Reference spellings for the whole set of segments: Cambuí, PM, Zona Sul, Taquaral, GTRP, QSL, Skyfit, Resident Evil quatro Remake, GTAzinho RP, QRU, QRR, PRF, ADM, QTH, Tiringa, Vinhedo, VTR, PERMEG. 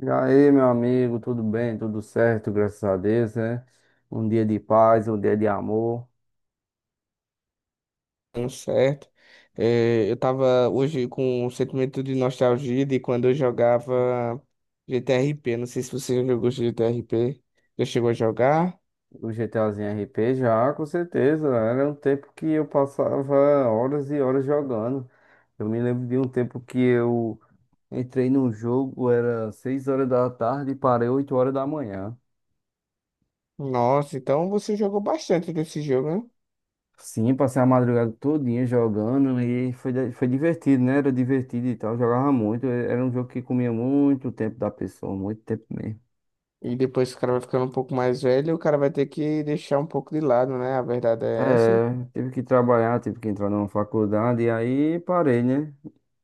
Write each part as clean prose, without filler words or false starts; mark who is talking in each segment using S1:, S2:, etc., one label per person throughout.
S1: E aí, meu amigo, tudo bem? Tudo certo, graças a Deus, né? Um dia de paz, um dia de amor.
S2: Tudo certo. É, eu tava hoje com um sentimento de nostalgia de quando eu jogava GTRP. Não sei se você já jogou GTRP. Já chegou a jogar?
S1: O GTAzinho RP já, com certeza. Era um tempo que eu passava horas e horas jogando. Eu me lembro de um tempo que eu entrei num jogo, era 6 horas da tarde e parei 8 horas da manhã.
S2: Nossa, então você jogou bastante desse jogo, né?
S1: Sim, passei a madrugada todinha jogando e foi divertido, né? Era divertido e tal, jogava muito. Era um jogo que comia muito tempo da pessoa, muito tempo mesmo.
S2: E depois que o cara vai ficando um pouco mais velho, o cara vai ter que deixar um pouco de lado, né? A verdade é essa.
S1: É, tive que trabalhar, tive que entrar numa faculdade e aí parei, né?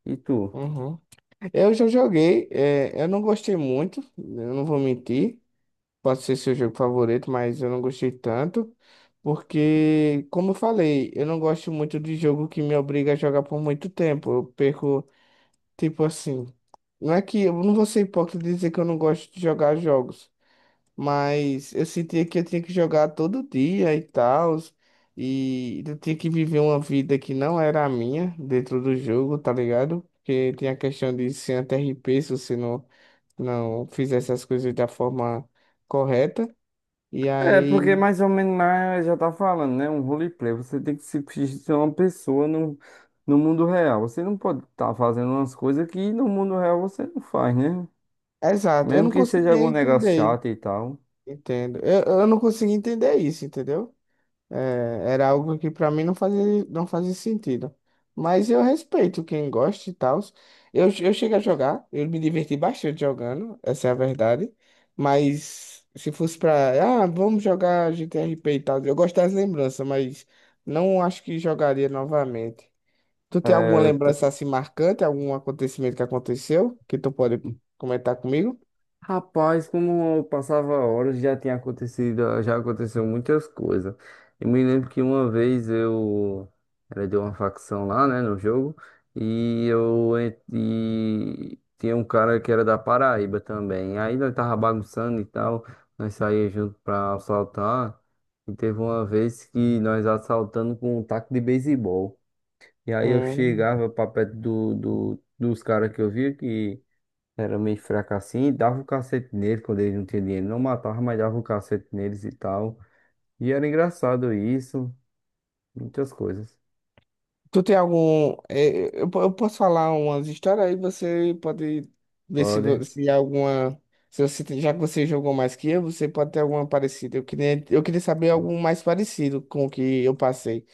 S1: E tu?
S2: Uhum. Eu já joguei, é, eu não gostei muito, eu não vou mentir. Pode ser seu jogo favorito, mas eu não gostei tanto, porque, como eu falei, eu não gosto muito de jogo que me obriga a jogar por muito tempo. Eu perco, tipo assim, não é que eu não vou ser hipócrita e dizer que eu não gosto de jogar jogos, mas eu sentia que eu tinha que jogar todo dia e tal, e eu tinha que viver uma vida que não era a minha dentro do jogo, tá ligado? Porque tem a questão de ser anti P se você não fizesse as coisas da forma correta. E
S1: É, porque
S2: aí.
S1: mais ou menos lá já tá falando, né? Um roleplay. Você tem que se ser uma pessoa no mundo real. Você não pode estar fazendo umas coisas que no mundo real você não faz, né?
S2: Exato, eu
S1: Mesmo
S2: não
S1: que seja
S2: conseguia
S1: algum negócio
S2: entender.
S1: chato e tal.
S2: Entendo. Eu não conseguia entender isso, entendeu? É, era algo que pra mim não fazia sentido. Mas eu respeito quem gosta e tal. Eu cheguei a jogar, eu me diverti bastante jogando, essa é a verdade. Mas se fosse pra. Ah, vamos jogar GTRP e tal. Eu gosto das lembranças, mas não acho que jogaria novamente. Tu tem alguma lembrança assim marcante, algum acontecimento que aconteceu que tu pode comentar comigo?
S1: Rapaz, como eu passava horas, já tinha acontecido, já aconteceu muitas coisas. Eu me lembro que uma vez eu era de uma facção lá, né, no jogo, e tinha um cara que era da Paraíba também. Aí nós tava bagunçando e tal, nós saía junto pra assaltar. E teve uma vez que nós assaltando com um taco de beisebol. E aí eu
S2: Hum.
S1: chegava pra perto dos caras que eu via que era meio fraco assim, e dava o cacete nele quando ele não tinha dinheiro. Não matava, mas dava o cacete neles e tal. E era engraçado isso, muitas coisas.
S2: Tu tem algum. Eu posso falar umas histórias aí, você pode ver se,
S1: Pode.
S2: se alguma. Se você, já que você jogou mais que eu, você pode ter alguma parecida. Eu queria saber algo mais parecido com o que eu passei.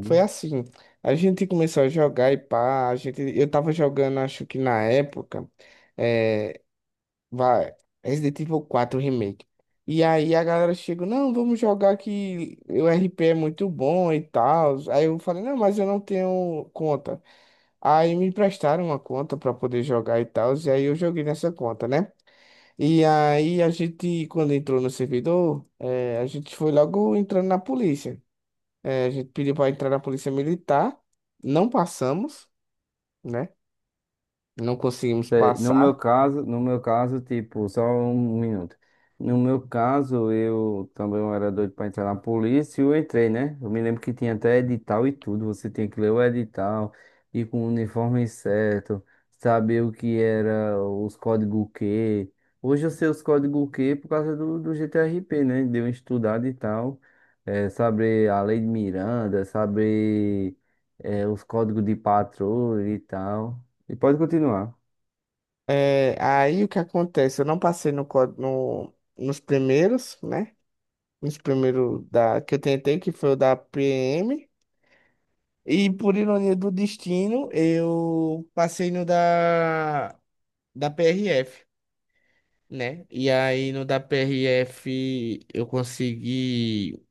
S2: Foi assim, a gente começou a jogar e pá, a gente, eu tava jogando, acho que na época. é, Vai, Resident Evil quatro Remake. E aí a galera chega, não, vamos jogar que o RP é muito bom e tal. Aí eu falei, não, mas eu não tenho conta. Aí me emprestaram uma conta pra poder jogar e tal. E aí eu joguei nessa conta, né? E aí a gente, quando entrou no servidor, a gente foi logo entrando na polícia. A gente pediu pra entrar na polícia militar, não passamos, né? Não conseguimos
S1: Sei. No meu
S2: passar.
S1: caso, no meu caso, tipo, só um minuto. No meu caso, eu também era doido pra entrar na polícia e eu entrei, né? Eu me lembro que tinha até edital e tudo. Você tinha que ler o edital, ir com o uniforme certo, saber o que era os códigos Q. Hoje eu sei os códigos Q por causa do GTRP, né? Deu uma estudada e tal. É, saber a lei de Miranda, saber, é, os códigos de patrulha e tal. E pode continuar.
S2: É, aí o que acontece? Eu não passei nos primeiros, né? Nos primeiros da, que eu tentei, que foi o da PM. E por ironia do destino, eu passei no da PRF, né? E aí no da PRF eu consegui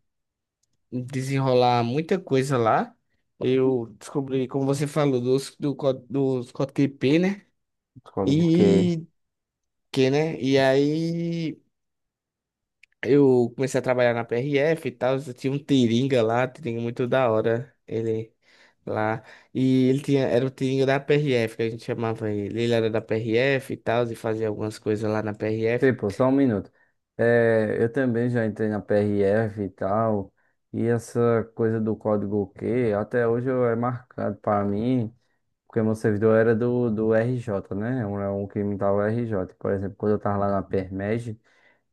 S2: desenrolar muita coisa lá. Eu descobri, como você falou, dos código IP, né?
S1: Concordo, porque,
S2: E que, né? E aí. Eu comecei a trabalhar na PRF e tal, tinha um Tiringa lá, Tiringa muito da hora, ele lá. E ele tinha, era o Tiringa da PRF, que a gente chamava ele. Ele era da PRF e tal, e fazia algumas coisas lá na PRF.
S1: tipo, só um minuto. É, eu também já entrei na PRF e tal, e essa coisa do código Q até hoje é marcado para mim, porque meu servidor era do RJ, né? É um que imitava o RJ. Por exemplo, quando eu tava lá na PERMEG,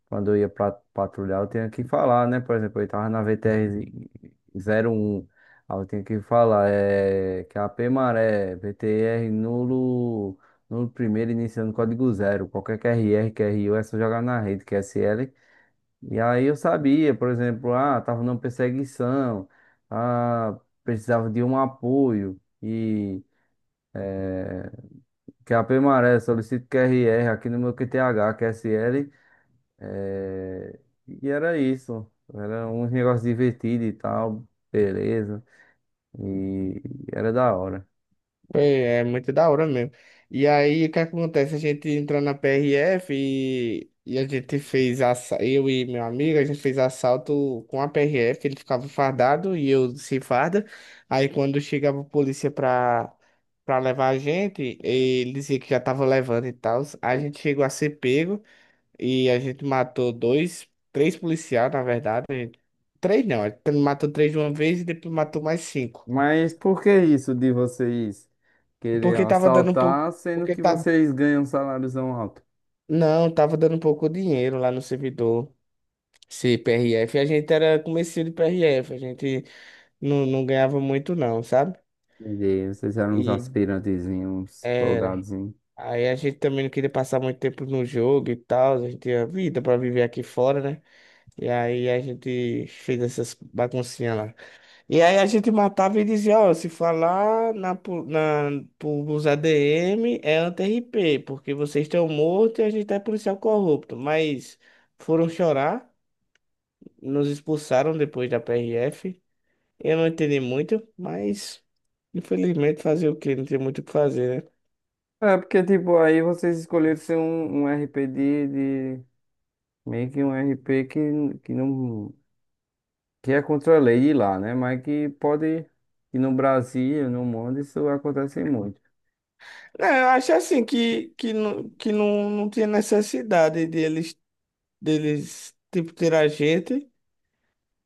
S1: quando eu ia pra, patrulhar, eu tinha que falar, né? Por exemplo, eu tava na VTR-01. Aí eu tinha que falar é, que é a P Maré, VTR nulo, nulo primeiro, iniciando código zero. Qualquer QRR, QRU é só jogar na rede, QSL. E aí eu sabia, por exemplo, ah, tava numa perseguição, ah, precisava de um apoio. E eh, que a P Maré solicito QRR aqui no meu QTH, QSL. É. E era isso. Era uns negócios divertidos e tal, beleza. E era da hora.
S2: Foi, é muito da hora mesmo. E aí, o que acontece? A gente entrou na PRF e a gente fez eu e meu amigo, a gente fez assalto com a PRF, ele ficava fardado e eu sem farda. Aí quando chegava a polícia pra levar a gente, ele dizia que já tava levando e tal. A gente chegou a ser pego e a gente matou dois, três policiais, na verdade. A gente- Três não, a gente matou três de uma vez e depois matou mais cinco.
S1: Mas por que isso de vocês querer
S2: Porque tava dando um pouco.
S1: assaltar, sendo
S2: Porque
S1: que
S2: tá.
S1: vocês ganham um saláriozão alto?
S2: Não, tava dando pouco dinheiro lá no servidor. Esse PRF, a gente era comecinho de PRF, a gente não ganhava muito não, sabe?
S1: Entendi. Vocês eram uns
S2: E
S1: aspirantezinhos, uns
S2: era.
S1: soldadozinhos.
S2: Aí a gente também não queria passar muito tempo no jogo e tal, a gente tinha vida pra viver aqui fora, né? E aí a gente fez essas baguncinhas lá. E aí a gente matava e dizia, ó, se falar na, pros ADM é anti-RP, porque vocês estão mortos e a gente é policial corrupto, mas foram chorar. Nos expulsaram depois da PRF. Eu não entendi muito, mas infelizmente fazer o quê? Não tem muito o que fazer, né?
S1: É, porque, tipo, aí vocês escolheram ser um RP meio que um RP que não. Que é contra a lei de lá, né? Mas que pode, e no Brasil, no mundo, isso acontece muito.
S2: É, eu acho assim que, não, que não tinha necessidade deles, tipo, ter a gente.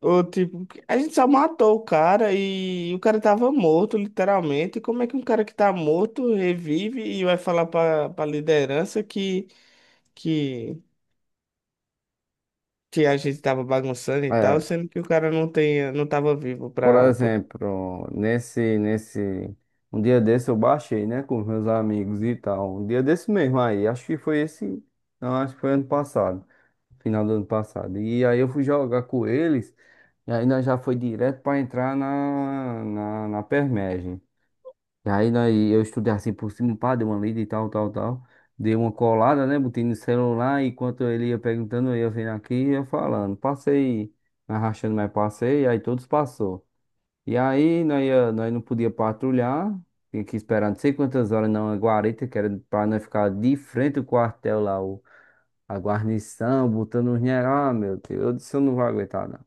S2: Ou tipo, a gente só matou o cara e o cara tava morto, literalmente. Como é que um cara que tá morto revive e vai falar pra liderança que, que a gente tava bagunçando e tal,
S1: É,
S2: sendo que o cara não tem, não tava vivo
S1: por
S2: pra.
S1: exemplo, nesse, um dia desse eu baixei, né, com meus amigos e tal. Um dia desse mesmo aí, acho que foi esse, não, acho que foi ano passado, final do ano passado. E aí eu fui jogar com eles, e aí nós já foi direto para entrar na permagem. E aí nós, eu estudei assim por cima, pá, dei uma lida e tal, tal, tal. Dei uma colada, né? Botei no celular, enquanto ele ia perguntando, eu ia vendo aqui e ia falando. Passei, arrastando, mas passei, aí todos passou. E aí nós, ia, nós não podia patrulhar, tinha que esperar não sei quantas horas na guarita, que era pra nós ficar de frente ao quartel lá, o, a guarnição, botando os general, ah, meu Deus, eu disse, eu não vou aguentar, não.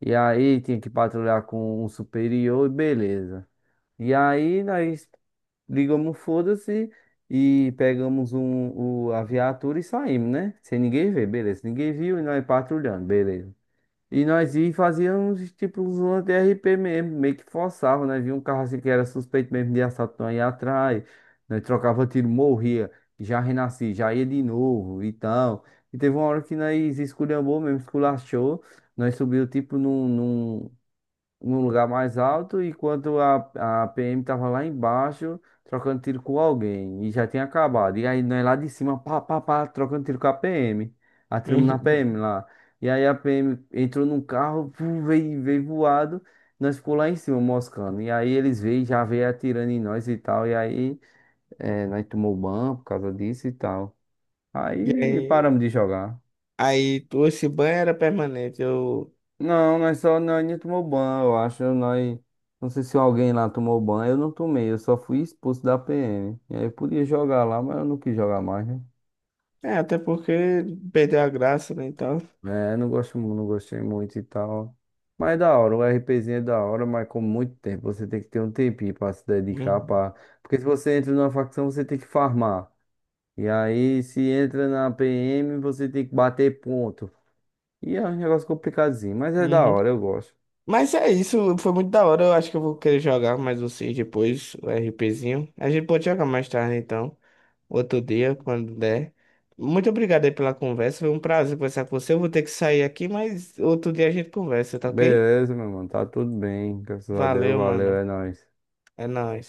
S1: E aí tinha que patrulhar com um superior e beleza. E aí nós ligamos o foda-se e pegamos a viatura e saímos, né? Sem ninguém ver, beleza. Ninguém viu e nós patrulhando, beleza. E nós ia e fazíamos tipo uns lances de RP mesmo, meio que forçava, né? Via um carro assim que era suspeito mesmo de assalto, nós ia atrás, nós trocava tiro, morria, já renasci, já ia de novo e tal. E teve uma hora que nós esculhambou mesmo, esculachou, nós subiu tipo num lugar mais alto, enquanto a PM tava lá embaixo trocando tiro com alguém e já tinha acabado. E aí nós lá de cima, pá, pá, pá, trocando tiro com a PM. Atiramos na
S2: Uhum.
S1: PM lá. E aí a PM entrou num carro, pum, veio voado. Nós ficou lá em cima moscando. E aí eles veio, já veio atirando em nós e tal. E aí nós tomou ban por causa disso e tal.
S2: E
S1: Aí paramos
S2: aí,
S1: de jogar.
S2: esse banho era permanente. Eu.
S1: Não, nós só, nós nem tomou banho, eu acho. Nós, não sei se alguém lá tomou banho, eu não tomei, eu só fui expulso da PM. E aí eu podia jogar lá, mas eu não quis jogar mais, né?
S2: Até porque perdeu a graça, né, e tal.
S1: É, não gosto, não gostei muito e tal. Mas é da hora, o RPzinho é da hora, mas com muito tempo. Você tem que ter um tempinho pra se dedicar
S2: Uhum.
S1: pra... Porque se você entra numa facção, você tem que farmar. E aí, se entra na PM, você tem que bater ponto. E é um negócio complicadinho, mas é da
S2: Uhum.
S1: hora, eu gosto.
S2: Mas é isso, foi muito da hora. Eu acho que eu vou querer jogar mais vocês depois, o RPzinho. A gente pode jogar mais tarde, então. Outro dia, quando der. Muito obrigado aí pela conversa. Foi um prazer conversar com você. Eu vou ter que sair aqui, mas outro dia a gente conversa, tá ok?
S1: Beleza, meu mano. Tá tudo bem. Graças a Deus.
S2: Valeu,
S1: Valeu,
S2: mano.
S1: é nóis.
S2: É nóis.